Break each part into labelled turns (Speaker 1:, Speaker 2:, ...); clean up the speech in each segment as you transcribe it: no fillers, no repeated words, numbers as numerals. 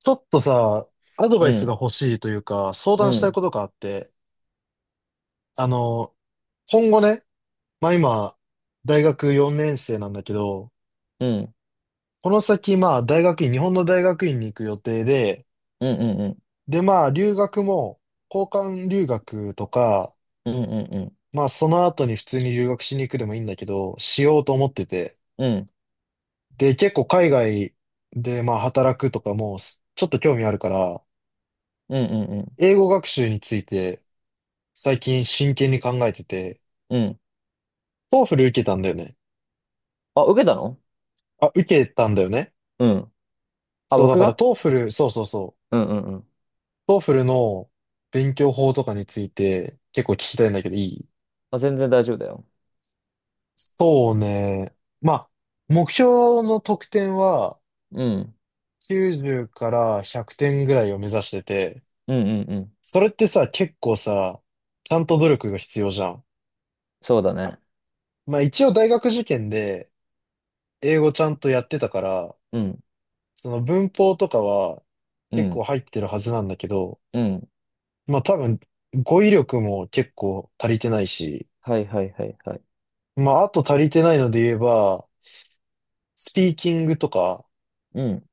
Speaker 1: ちょっとさ、アドバ
Speaker 2: う
Speaker 1: イスが
Speaker 2: ん、
Speaker 1: 欲しいというか、相
Speaker 2: う
Speaker 1: 談したい
Speaker 2: ん、
Speaker 1: ことがあって、あの、今後ね、まあ今、大学4年生なんだけど、
Speaker 2: うん、
Speaker 1: この先、まあ大学院、日本の大学院に行く予定で、
Speaker 2: うん、うん、
Speaker 1: でまあ留学も、交換留学とか、
Speaker 2: うん、うん、うん、
Speaker 1: まあその後に普通に留学しに行くでもいいんだけど、しようと思ってて。
Speaker 2: うん、うん、
Speaker 1: で、結構海外でまあ働くとかも、ちょっと興味あるから、
Speaker 2: うん、うん、
Speaker 1: 英語学習について最近真剣に考えてて、
Speaker 2: うん。
Speaker 1: トーフル受けたんだよね。
Speaker 2: あ、受けたの？
Speaker 1: あ、受けたんだよね。
Speaker 2: うん。あ、
Speaker 1: そう、だ
Speaker 2: 僕
Speaker 1: から
Speaker 2: が？
Speaker 1: トーフル、そうそうそう。
Speaker 2: うん、うん、うん。
Speaker 1: トーフルの勉強法とかについて結構聞きたいんだけど、いい？
Speaker 2: あ、全然大丈夫だよ。
Speaker 1: そうね。まあ、目標の得点は
Speaker 2: うん、
Speaker 1: 90から100点ぐらいを目指してて、
Speaker 2: うん、うん、うん。
Speaker 1: それってさ、結構さ、ちゃんと努力が必要じゃん。
Speaker 2: そうだね。
Speaker 1: まあ一応大学受験で英語ちゃんとやってたから、
Speaker 2: うん、
Speaker 1: その文法とかは
Speaker 2: う
Speaker 1: 結
Speaker 2: ん、
Speaker 1: 構入ってるはずなんだけど、
Speaker 2: うん。
Speaker 1: まあ多分、語彙力も結構足りてないし、
Speaker 2: はい、はい、はい、はい。
Speaker 1: まああと足りてないので言えば、スピーキングとか、
Speaker 2: うん、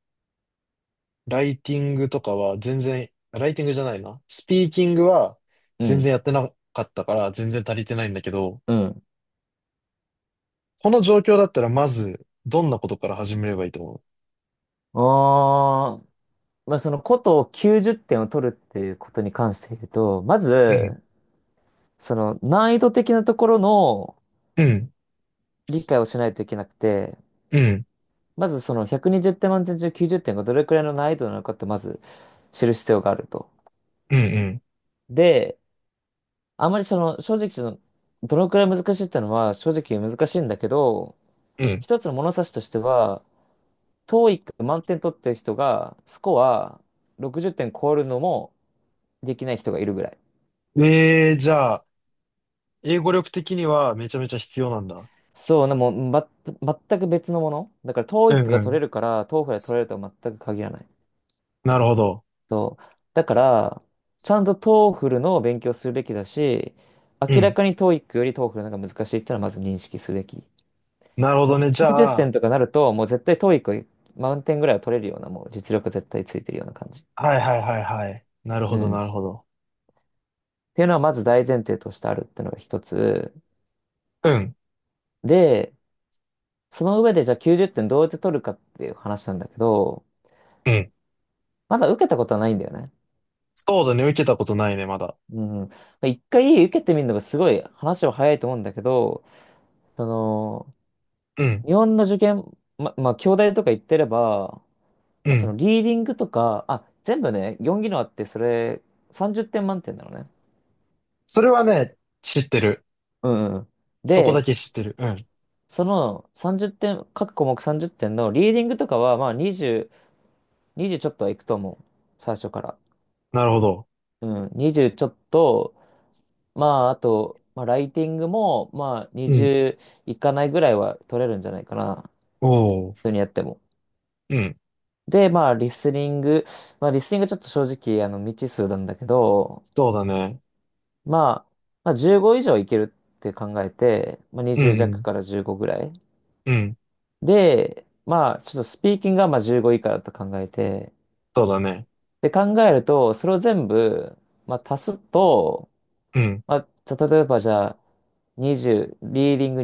Speaker 1: ライティングとかは全然、ライティングじゃないな。スピーキングは
Speaker 2: う
Speaker 1: 全
Speaker 2: ん、
Speaker 1: 然やってなかったから全然足りてないんだけど、
Speaker 2: うん。
Speaker 1: この状況だったらまず、どんなことから始めればいいと思
Speaker 2: あー、まあ、その、ことを90点を取るっていうことに関して言うと、ま
Speaker 1: う？うん、
Speaker 2: ず、その、難易度的なところの
Speaker 1: うん、
Speaker 2: 理解をしないといけなくて、
Speaker 1: うん、
Speaker 2: まずその120点満点中90点がどれくらいの難易度なのかってまず知る必要があると。
Speaker 1: うん、うん、
Speaker 2: で、あまりその正直そのどのくらい難しいってのは正直難しいんだけど、一つの物差しとしては、トーイック満点取ってる人がスコア60点超えるのもできない人がいるぐらい。
Speaker 1: うん。えー、じゃあ、英語力的にはめちゃめちゃ必要なんだ。
Speaker 2: そう、でも、ま、全く別のもの。だからト
Speaker 1: う
Speaker 2: ーイッ
Speaker 1: ん、
Speaker 2: ク
Speaker 1: う
Speaker 2: が取れ
Speaker 1: ん。
Speaker 2: るからトーフ f l が取れるとは全く限らない。
Speaker 1: なるほど。
Speaker 2: そう。だから、ちゃんと TOEFL の勉強するべきだし、
Speaker 1: う
Speaker 2: 明ら
Speaker 1: ん。
Speaker 2: かに TOEIC より TOEFL の方が難しいってのはまず認識すべき。
Speaker 1: なるほ
Speaker 2: で
Speaker 1: ど
Speaker 2: も
Speaker 1: ね。じ
Speaker 2: 90
Speaker 1: ゃあ、
Speaker 2: 点とかなると、もう絶対 TOEIC 満点ぐらいは取れるような、もう実力絶対ついてるような感じ。
Speaker 1: はいはいはいはい。なるほ
Speaker 2: う
Speaker 1: ど
Speaker 2: ん。っ
Speaker 1: なるほど。
Speaker 2: ていうのはまず大前提としてあるってのが一つ。
Speaker 1: うん、
Speaker 2: で、その上でじゃあ90点どうやって取るかっていう話なんだけど、
Speaker 1: うん。
Speaker 2: まだ受けたことはないんだよね。
Speaker 1: そうだね、受けたことないね、まだ。
Speaker 2: うん。一回受けてみるのがすごい話は早いと思うんだけど、その、
Speaker 1: うん、
Speaker 2: 日本の受験、ま、まあ、京大とか行ってれば、ま
Speaker 1: う
Speaker 2: あ、そ
Speaker 1: ん。
Speaker 2: のリーディングとか、あ、全部ね、4技能あって、それ、30点満点なのね。
Speaker 1: それはね、知ってる。
Speaker 2: うんうん。
Speaker 1: そこだ
Speaker 2: で、
Speaker 1: け知ってる。うん。
Speaker 2: その30点、各項目30点のリーディングとかは、まあ20、20ちょっとはいくと思う。最初から。
Speaker 1: なるほど。
Speaker 2: うん、20ちょっと、まああと、まあライティングも、まあ
Speaker 1: うん。
Speaker 2: 20いかないぐらいは取れるんじゃないかな。
Speaker 1: おお。
Speaker 2: 普通にやっても。
Speaker 1: うん。
Speaker 2: で、まあ、リスニング。まあ、リスニングちょっと正直、未知数なんだけど、
Speaker 1: そうだね。
Speaker 2: まあ、まあ、15以上いけるって考えて、まあ、
Speaker 1: うん、
Speaker 2: 20
Speaker 1: う
Speaker 2: 弱
Speaker 1: ん、
Speaker 2: から15ぐらい。
Speaker 1: うん。
Speaker 2: で、まあ、ちょっとスピーキングがまあ15以下だと考えて、
Speaker 1: そうだね。
Speaker 2: で、考えると、それを全部、まあ、足すと、
Speaker 1: うん、
Speaker 2: まあ、た例えばじゃあ、20、リーディング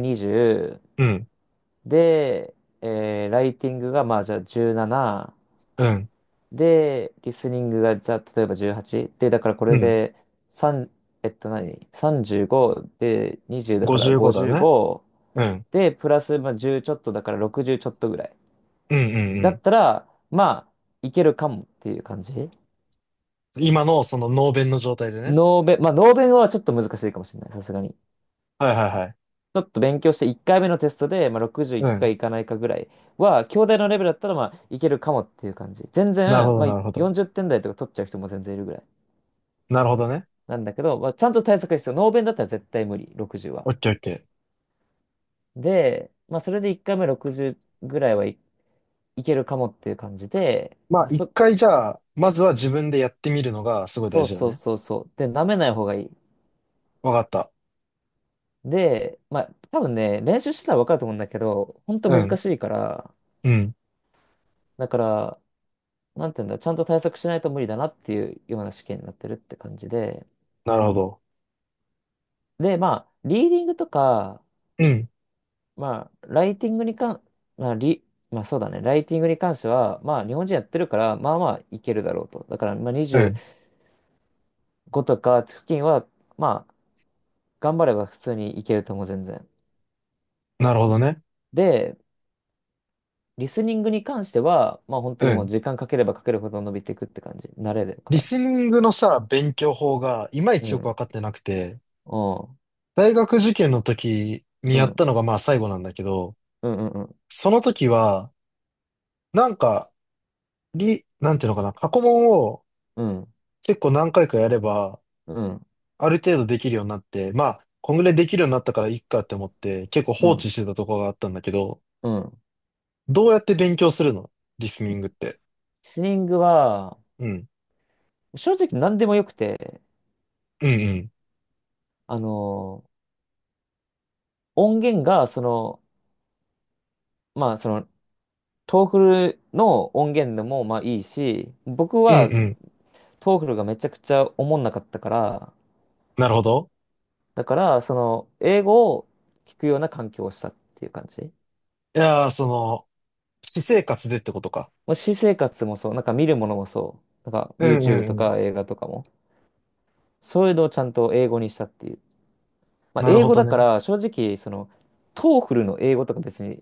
Speaker 1: うん、
Speaker 2: 20、で、ライティングがまあ、じゃあ17、
Speaker 1: うん、
Speaker 2: で、リスニングが、じゃあ、例えば18。で、だからこ
Speaker 1: う
Speaker 2: れ
Speaker 1: ん。
Speaker 2: で、3、えっと何？ 35 で、20だから
Speaker 1: 55だね。
Speaker 2: 55。
Speaker 1: うん、
Speaker 2: で、プラス、まあ、10ちょっとだから60ちょっとぐらい。
Speaker 1: うん、うん、
Speaker 2: だ
Speaker 1: う
Speaker 2: っ
Speaker 1: ん。
Speaker 2: たら、まあ、いけるかもっていう感じ。
Speaker 1: 今のその脳弁の状態でね。
Speaker 2: ノーベンはちょっと難しいかもしれない。さすがに。
Speaker 1: はいはいはい。
Speaker 2: ちょっと勉強して、1回目のテストで、まあ、60い
Speaker 1: う
Speaker 2: くか
Speaker 1: ん。
Speaker 2: いかないかぐらいは、兄弟のレベルだったら、まあ、いけるかもっていう感じ。全
Speaker 1: なるほ
Speaker 2: 然、
Speaker 1: ど、
Speaker 2: まあ、
Speaker 1: なるほど。
Speaker 2: 40点台とか取っちゃう人も全然いるぐらい。
Speaker 1: なるほどね。
Speaker 2: なんだけど、まあ、ちゃんと対策が必要。ノーベンだったら絶対無理、60は。
Speaker 1: オッケーオッケー。
Speaker 2: で、まあ、それで1回目60ぐらいはい、いけるかもっていう感じで、
Speaker 1: まあ、
Speaker 2: まあ、
Speaker 1: 一回じゃあ、まずは自分でやってみるのがすごい大
Speaker 2: そう
Speaker 1: 事だ
Speaker 2: そう
Speaker 1: ね。
Speaker 2: そうそう。で、舐めない方がいい。
Speaker 1: わかった。
Speaker 2: で、まあ、多分ね、練習してたら分かると思うんだけど、ほんと
Speaker 1: う
Speaker 2: 難
Speaker 1: ん。
Speaker 2: しいから、
Speaker 1: うん。
Speaker 2: だから、なんていうんだ、ちゃんと対策しないと無理だなっていうような試験になってるって感じで、
Speaker 1: なるほど。
Speaker 2: で、まあ、リーディングとか、
Speaker 1: うん。
Speaker 2: まあ、ライティングに関、まあ、リ、まあそうだね。ライティングに関しては、まあ日本人やってるから、まあまあいけるだろうと。だから、まあ
Speaker 1: うん。
Speaker 2: 25とか付近は、まあ頑張れば普通にいけると思う、全然。
Speaker 1: なるほどね。
Speaker 2: で、リスニングに関しては、まあ本当
Speaker 1: う
Speaker 2: にもう
Speaker 1: ん。
Speaker 2: 時間かければかけるほど伸びていくって感じ。慣れだか
Speaker 1: リ
Speaker 2: ら。
Speaker 1: スニングのさ、勉強法がいまい
Speaker 2: う
Speaker 1: ちよくわ
Speaker 2: ん。
Speaker 1: かってなくて、
Speaker 2: うん。
Speaker 1: 大学受験の時に
Speaker 2: う
Speaker 1: やっ
Speaker 2: ん。
Speaker 1: たのがまあ最後なんだけど、
Speaker 2: うん。うんうん。
Speaker 1: その時は、なんか、なんていうのかな、過去問を
Speaker 2: うん。
Speaker 1: 結構何回かやれば、
Speaker 2: う
Speaker 1: ある程度できるようになって、まあ、こんぐらいできるようになったからいいかって思って、結構放
Speaker 2: ん。
Speaker 1: 置してたところがあったんだけど、
Speaker 2: うん。
Speaker 1: どうやって勉強するの？リスニングって。
Speaker 2: リスニングは、
Speaker 1: うん。
Speaker 2: 正直何でもよくて、
Speaker 1: うんうん。
Speaker 2: あの、音源が、その、まあ、そのトーフルの音源でもまあいいし、僕
Speaker 1: うん
Speaker 2: は
Speaker 1: うん。
Speaker 2: トーフルがめちゃくちゃおもんなかったから、
Speaker 1: なるほど。
Speaker 2: だからその英語を聞くような環境をしたっていう感じ。も
Speaker 1: いやー、その、私生活でってことか。
Speaker 2: う私生活もそう、なんか見るものもそう、なんか
Speaker 1: うんう
Speaker 2: YouTube と
Speaker 1: んうん。
Speaker 2: か映画とかも、そういうのをちゃんと英語にしたっていう。まあ
Speaker 1: なる
Speaker 2: 英
Speaker 1: ほ
Speaker 2: 語
Speaker 1: ど
Speaker 2: だか
Speaker 1: ね。
Speaker 2: ら正直そのトーフルの英語とか別に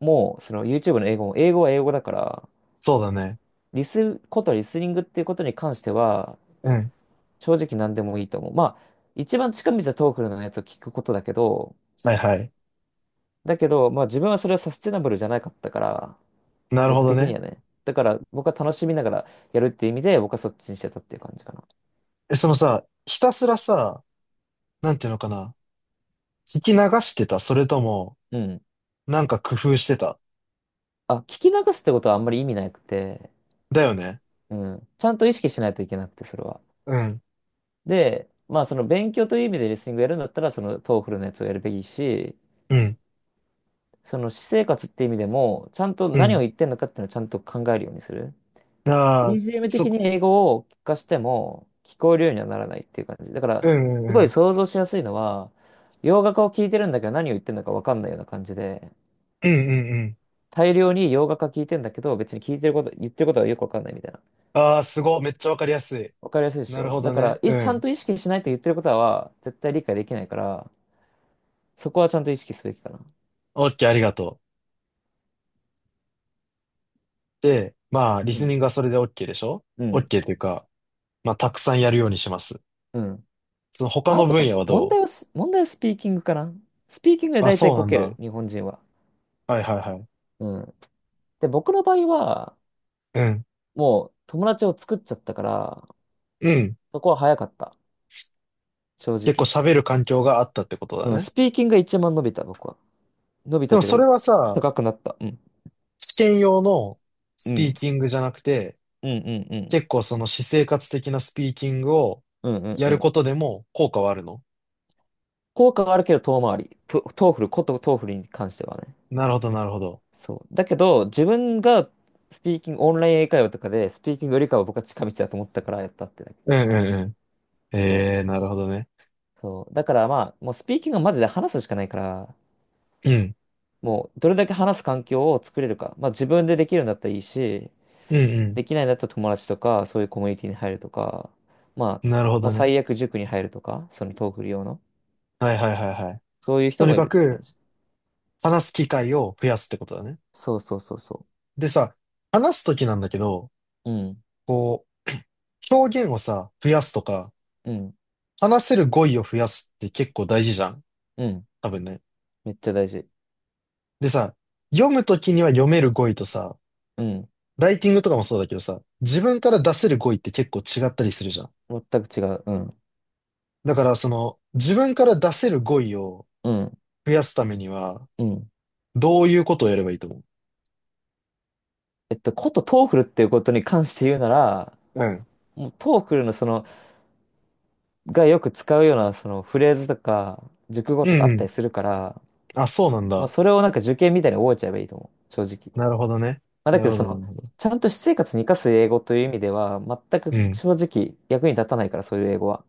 Speaker 2: もうその YouTube の英語も英語は英語だから、
Speaker 1: そうだね。
Speaker 2: リスニングっていうことに関しては
Speaker 1: うん。
Speaker 2: 正直何でもいいと思う。まあ、一番近道はトーフルのやつを聞くことだけど、
Speaker 1: はいはい。
Speaker 2: だけど、まあ自分はそれはサステナブルじゃなかったから、
Speaker 1: なるほ
Speaker 2: 僕
Speaker 1: ど
Speaker 2: 的に
Speaker 1: ね。
Speaker 2: はね。だから僕は楽しみながらやるっていう意味で、僕はそっちにしてたっていう感じかな。
Speaker 1: え、そのさ、ひたすらさ、なんていうのかな。聞き流してた？それとも、
Speaker 2: うん。
Speaker 1: なんか工夫してた？
Speaker 2: あ、聞き流すってことはあんまり意味なくて、
Speaker 1: だよね。
Speaker 2: うん。ちゃんと意識しないといけなくて、それは。
Speaker 1: うん。
Speaker 2: で、まあその勉強という意味でリスニングやるんだったら、そのトーフルのやつをやるべきし、
Speaker 1: うん。
Speaker 2: その私生活って意味でも、ちゃんと
Speaker 1: う
Speaker 2: 何を
Speaker 1: ん。
Speaker 2: 言ってんのかっていうのをちゃんと考えるようにする。
Speaker 1: ああ、
Speaker 2: EGM
Speaker 1: そ、
Speaker 2: 的に英語を聞かしても聞こえるようにはならないっていう感じ。だから、
Speaker 1: うんうん
Speaker 2: すご
Speaker 1: う
Speaker 2: い
Speaker 1: ん。
Speaker 2: 想像しやすいのは、洋楽を聞いてるんだけど何を言ってるのか分かんないような感じで、
Speaker 1: うんうんうん。
Speaker 2: 大量に洋楽は聞いてんだけど、別に聞いてること、言ってることはよく分かんないみたいな。
Speaker 1: ああ、すごい。めっちゃわかりやすい。
Speaker 2: 分かりやすいでし
Speaker 1: なる
Speaker 2: ょ。
Speaker 1: ほ
Speaker 2: だ
Speaker 1: ど
Speaker 2: から、
Speaker 1: ね。う
Speaker 2: いちゃん
Speaker 1: ん。
Speaker 2: と意識しないと言ってることは絶対理解できないから、そこはちゃんと意識すべきかな。
Speaker 1: オッケー、ありがとう。で、まあ、リ
Speaker 2: う
Speaker 1: ス
Speaker 2: ん。
Speaker 1: ニングはそれで OK でしょ
Speaker 2: うん。
Speaker 1: ?OK というか、まあ、たくさんやるようにします。
Speaker 2: うん。
Speaker 1: その他
Speaker 2: まあ、あ
Speaker 1: の分
Speaker 2: と、
Speaker 1: 野はど
Speaker 2: 問題はスピーキングかな。スピーキングで
Speaker 1: う？あ、
Speaker 2: 大
Speaker 1: そ
Speaker 2: 体
Speaker 1: うな
Speaker 2: こ
Speaker 1: ん
Speaker 2: ける、
Speaker 1: だ。
Speaker 2: 日本人は。
Speaker 1: はいはいはい。
Speaker 2: うん。で、僕の場合は、
Speaker 1: うん。
Speaker 2: もう友達を作っちゃったから、
Speaker 1: うん。
Speaker 2: そこは早かった。正
Speaker 1: 結構
Speaker 2: 直。
Speaker 1: 喋る環境があったってことだ
Speaker 2: うん、
Speaker 1: ね。
Speaker 2: スピーキングが一番伸びた、僕は。伸び
Speaker 1: で
Speaker 2: たっ
Speaker 1: も
Speaker 2: てい
Speaker 1: そ
Speaker 2: う
Speaker 1: れ
Speaker 2: か、
Speaker 1: はさ、
Speaker 2: 高くなった。うん。
Speaker 1: 試験用の
Speaker 2: う
Speaker 1: スピー
Speaker 2: ん。
Speaker 1: キングじゃなくて、
Speaker 2: うんうんうん。
Speaker 1: 結構その私生活的なスピーキングを
Speaker 2: うんうん
Speaker 1: や
Speaker 2: う
Speaker 1: るこ
Speaker 2: ん。
Speaker 1: とでも効果はあるの？
Speaker 2: 効果はあるけど遠回り。トーフル、ことトーフルに関してはね。
Speaker 1: なるほどなるほど。
Speaker 2: そう。だけど、自分がスピーキング、オンライン英会話とかで、スピーキングよりかは僕は近道だと思ったからやったってだけ。
Speaker 1: うんうんうん。
Speaker 2: そ
Speaker 1: ええー、なるほどね。
Speaker 2: う。そう。だからまあ、もうスピーキングはマジで話すしかないから、
Speaker 1: うん。
Speaker 2: もうどれだけ話す環境を作れるか。まあ自分でできるんだったらいいし、
Speaker 1: うん
Speaker 2: できないんだったら友達とか、そういうコミュニティに入るとか、ま
Speaker 1: うん。
Speaker 2: あ、
Speaker 1: なるほ
Speaker 2: もう
Speaker 1: どね。
Speaker 2: 最悪塾に入るとか、そのトーフル用の、
Speaker 1: はいはいはいはい。
Speaker 2: そういう
Speaker 1: と
Speaker 2: 人
Speaker 1: に
Speaker 2: もい
Speaker 1: か
Speaker 2: るって感
Speaker 1: く、
Speaker 2: じ。
Speaker 1: 話す機会を増やすってことだね。
Speaker 2: そうそうそうそ
Speaker 1: でさ、話すときなんだけど、
Speaker 2: う。うん、
Speaker 1: こう、表現をさ、増やすとか、
Speaker 2: うん、
Speaker 1: 話せる語彙を増やすって結構大事じゃん。
Speaker 2: うん。
Speaker 1: 多分ね。
Speaker 2: めっちゃ大事。
Speaker 1: でさ、読むときには読める語彙とさ、
Speaker 2: うん。
Speaker 1: ライティングとかもそうだけどさ、自分から出せる語彙って結構違ったりするじゃん。
Speaker 2: 全く違う。うん、
Speaker 1: だからその、自分から出せる語彙を
Speaker 2: うん、
Speaker 1: 増やすためには、
Speaker 2: うん。
Speaker 1: どういうことをやればいいと思う？
Speaker 2: えっと、ことトーフルっていうことに関して言うなら、
Speaker 1: うん。
Speaker 2: もうトーフルのその、がよく使うようなそのフレーズとか、熟語
Speaker 1: う
Speaker 2: とか
Speaker 1: ん
Speaker 2: あ
Speaker 1: う
Speaker 2: った
Speaker 1: ん。
Speaker 2: りするから、
Speaker 1: あ、そうなん
Speaker 2: まあ
Speaker 1: だ。
Speaker 2: それをなんか受験みたいに覚えちゃえばいいと思う。正直。
Speaker 1: なるほどね。
Speaker 2: まあ、だ
Speaker 1: な
Speaker 2: けど、
Speaker 1: るほ
Speaker 2: そ
Speaker 1: ど、な
Speaker 2: の、
Speaker 1: るほど。
Speaker 2: ちゃんと私生活に生かす英語という意味では、全
Speaker 1: う
Speaker 2: く
Speaker 1: ん。
Speaker 2: 正直役に立たないから、そういう英語は。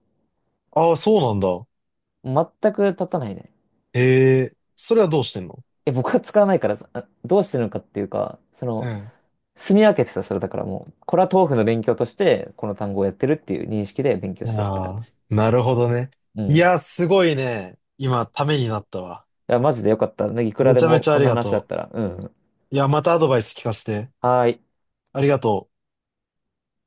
Speaker 1: ああ、そうなんだ。
Speaker 2: 全く立たないね。
Speaker 1: へえ、それはどうしてんの？
Speaker 2: え、僕は使わないから、あどうしてるのかっていうか、そ
Speaker 1: う
Speaker 2: の、
Speaker 1: ん。
Speaker 2: 住み分けてた、それだからもう、これは豆腐の勉強として、この単語をやってるっていう認識で勉強したって感
Speaker 1: ああ、
Speaker 2: じ。
Speaker 1: なるほどね。
Speaker 2: うん。
Speaker 1: い
Speaker 2: い
Speaker 1: や、すごいね。今、ためになったわ。
Speaker 2: や、マジでよかった。ねいくら
Speaker 1: め
Speaker 2: で
Speaker 1: ちゃめ
Speaker 2: も
Speaker 1: ちゃあ
Speaker 2: こん
Speaker 1: り
Speaker 2: な
Speaker 1: が
Speaker 2: 話だっ
Speaker 1: と
Speaker 2: たら。うん。
Speaker 1: う。いや、またアドバイス聞かせて。
Speaker 2: はーい。
Speaker 1: ありがとう。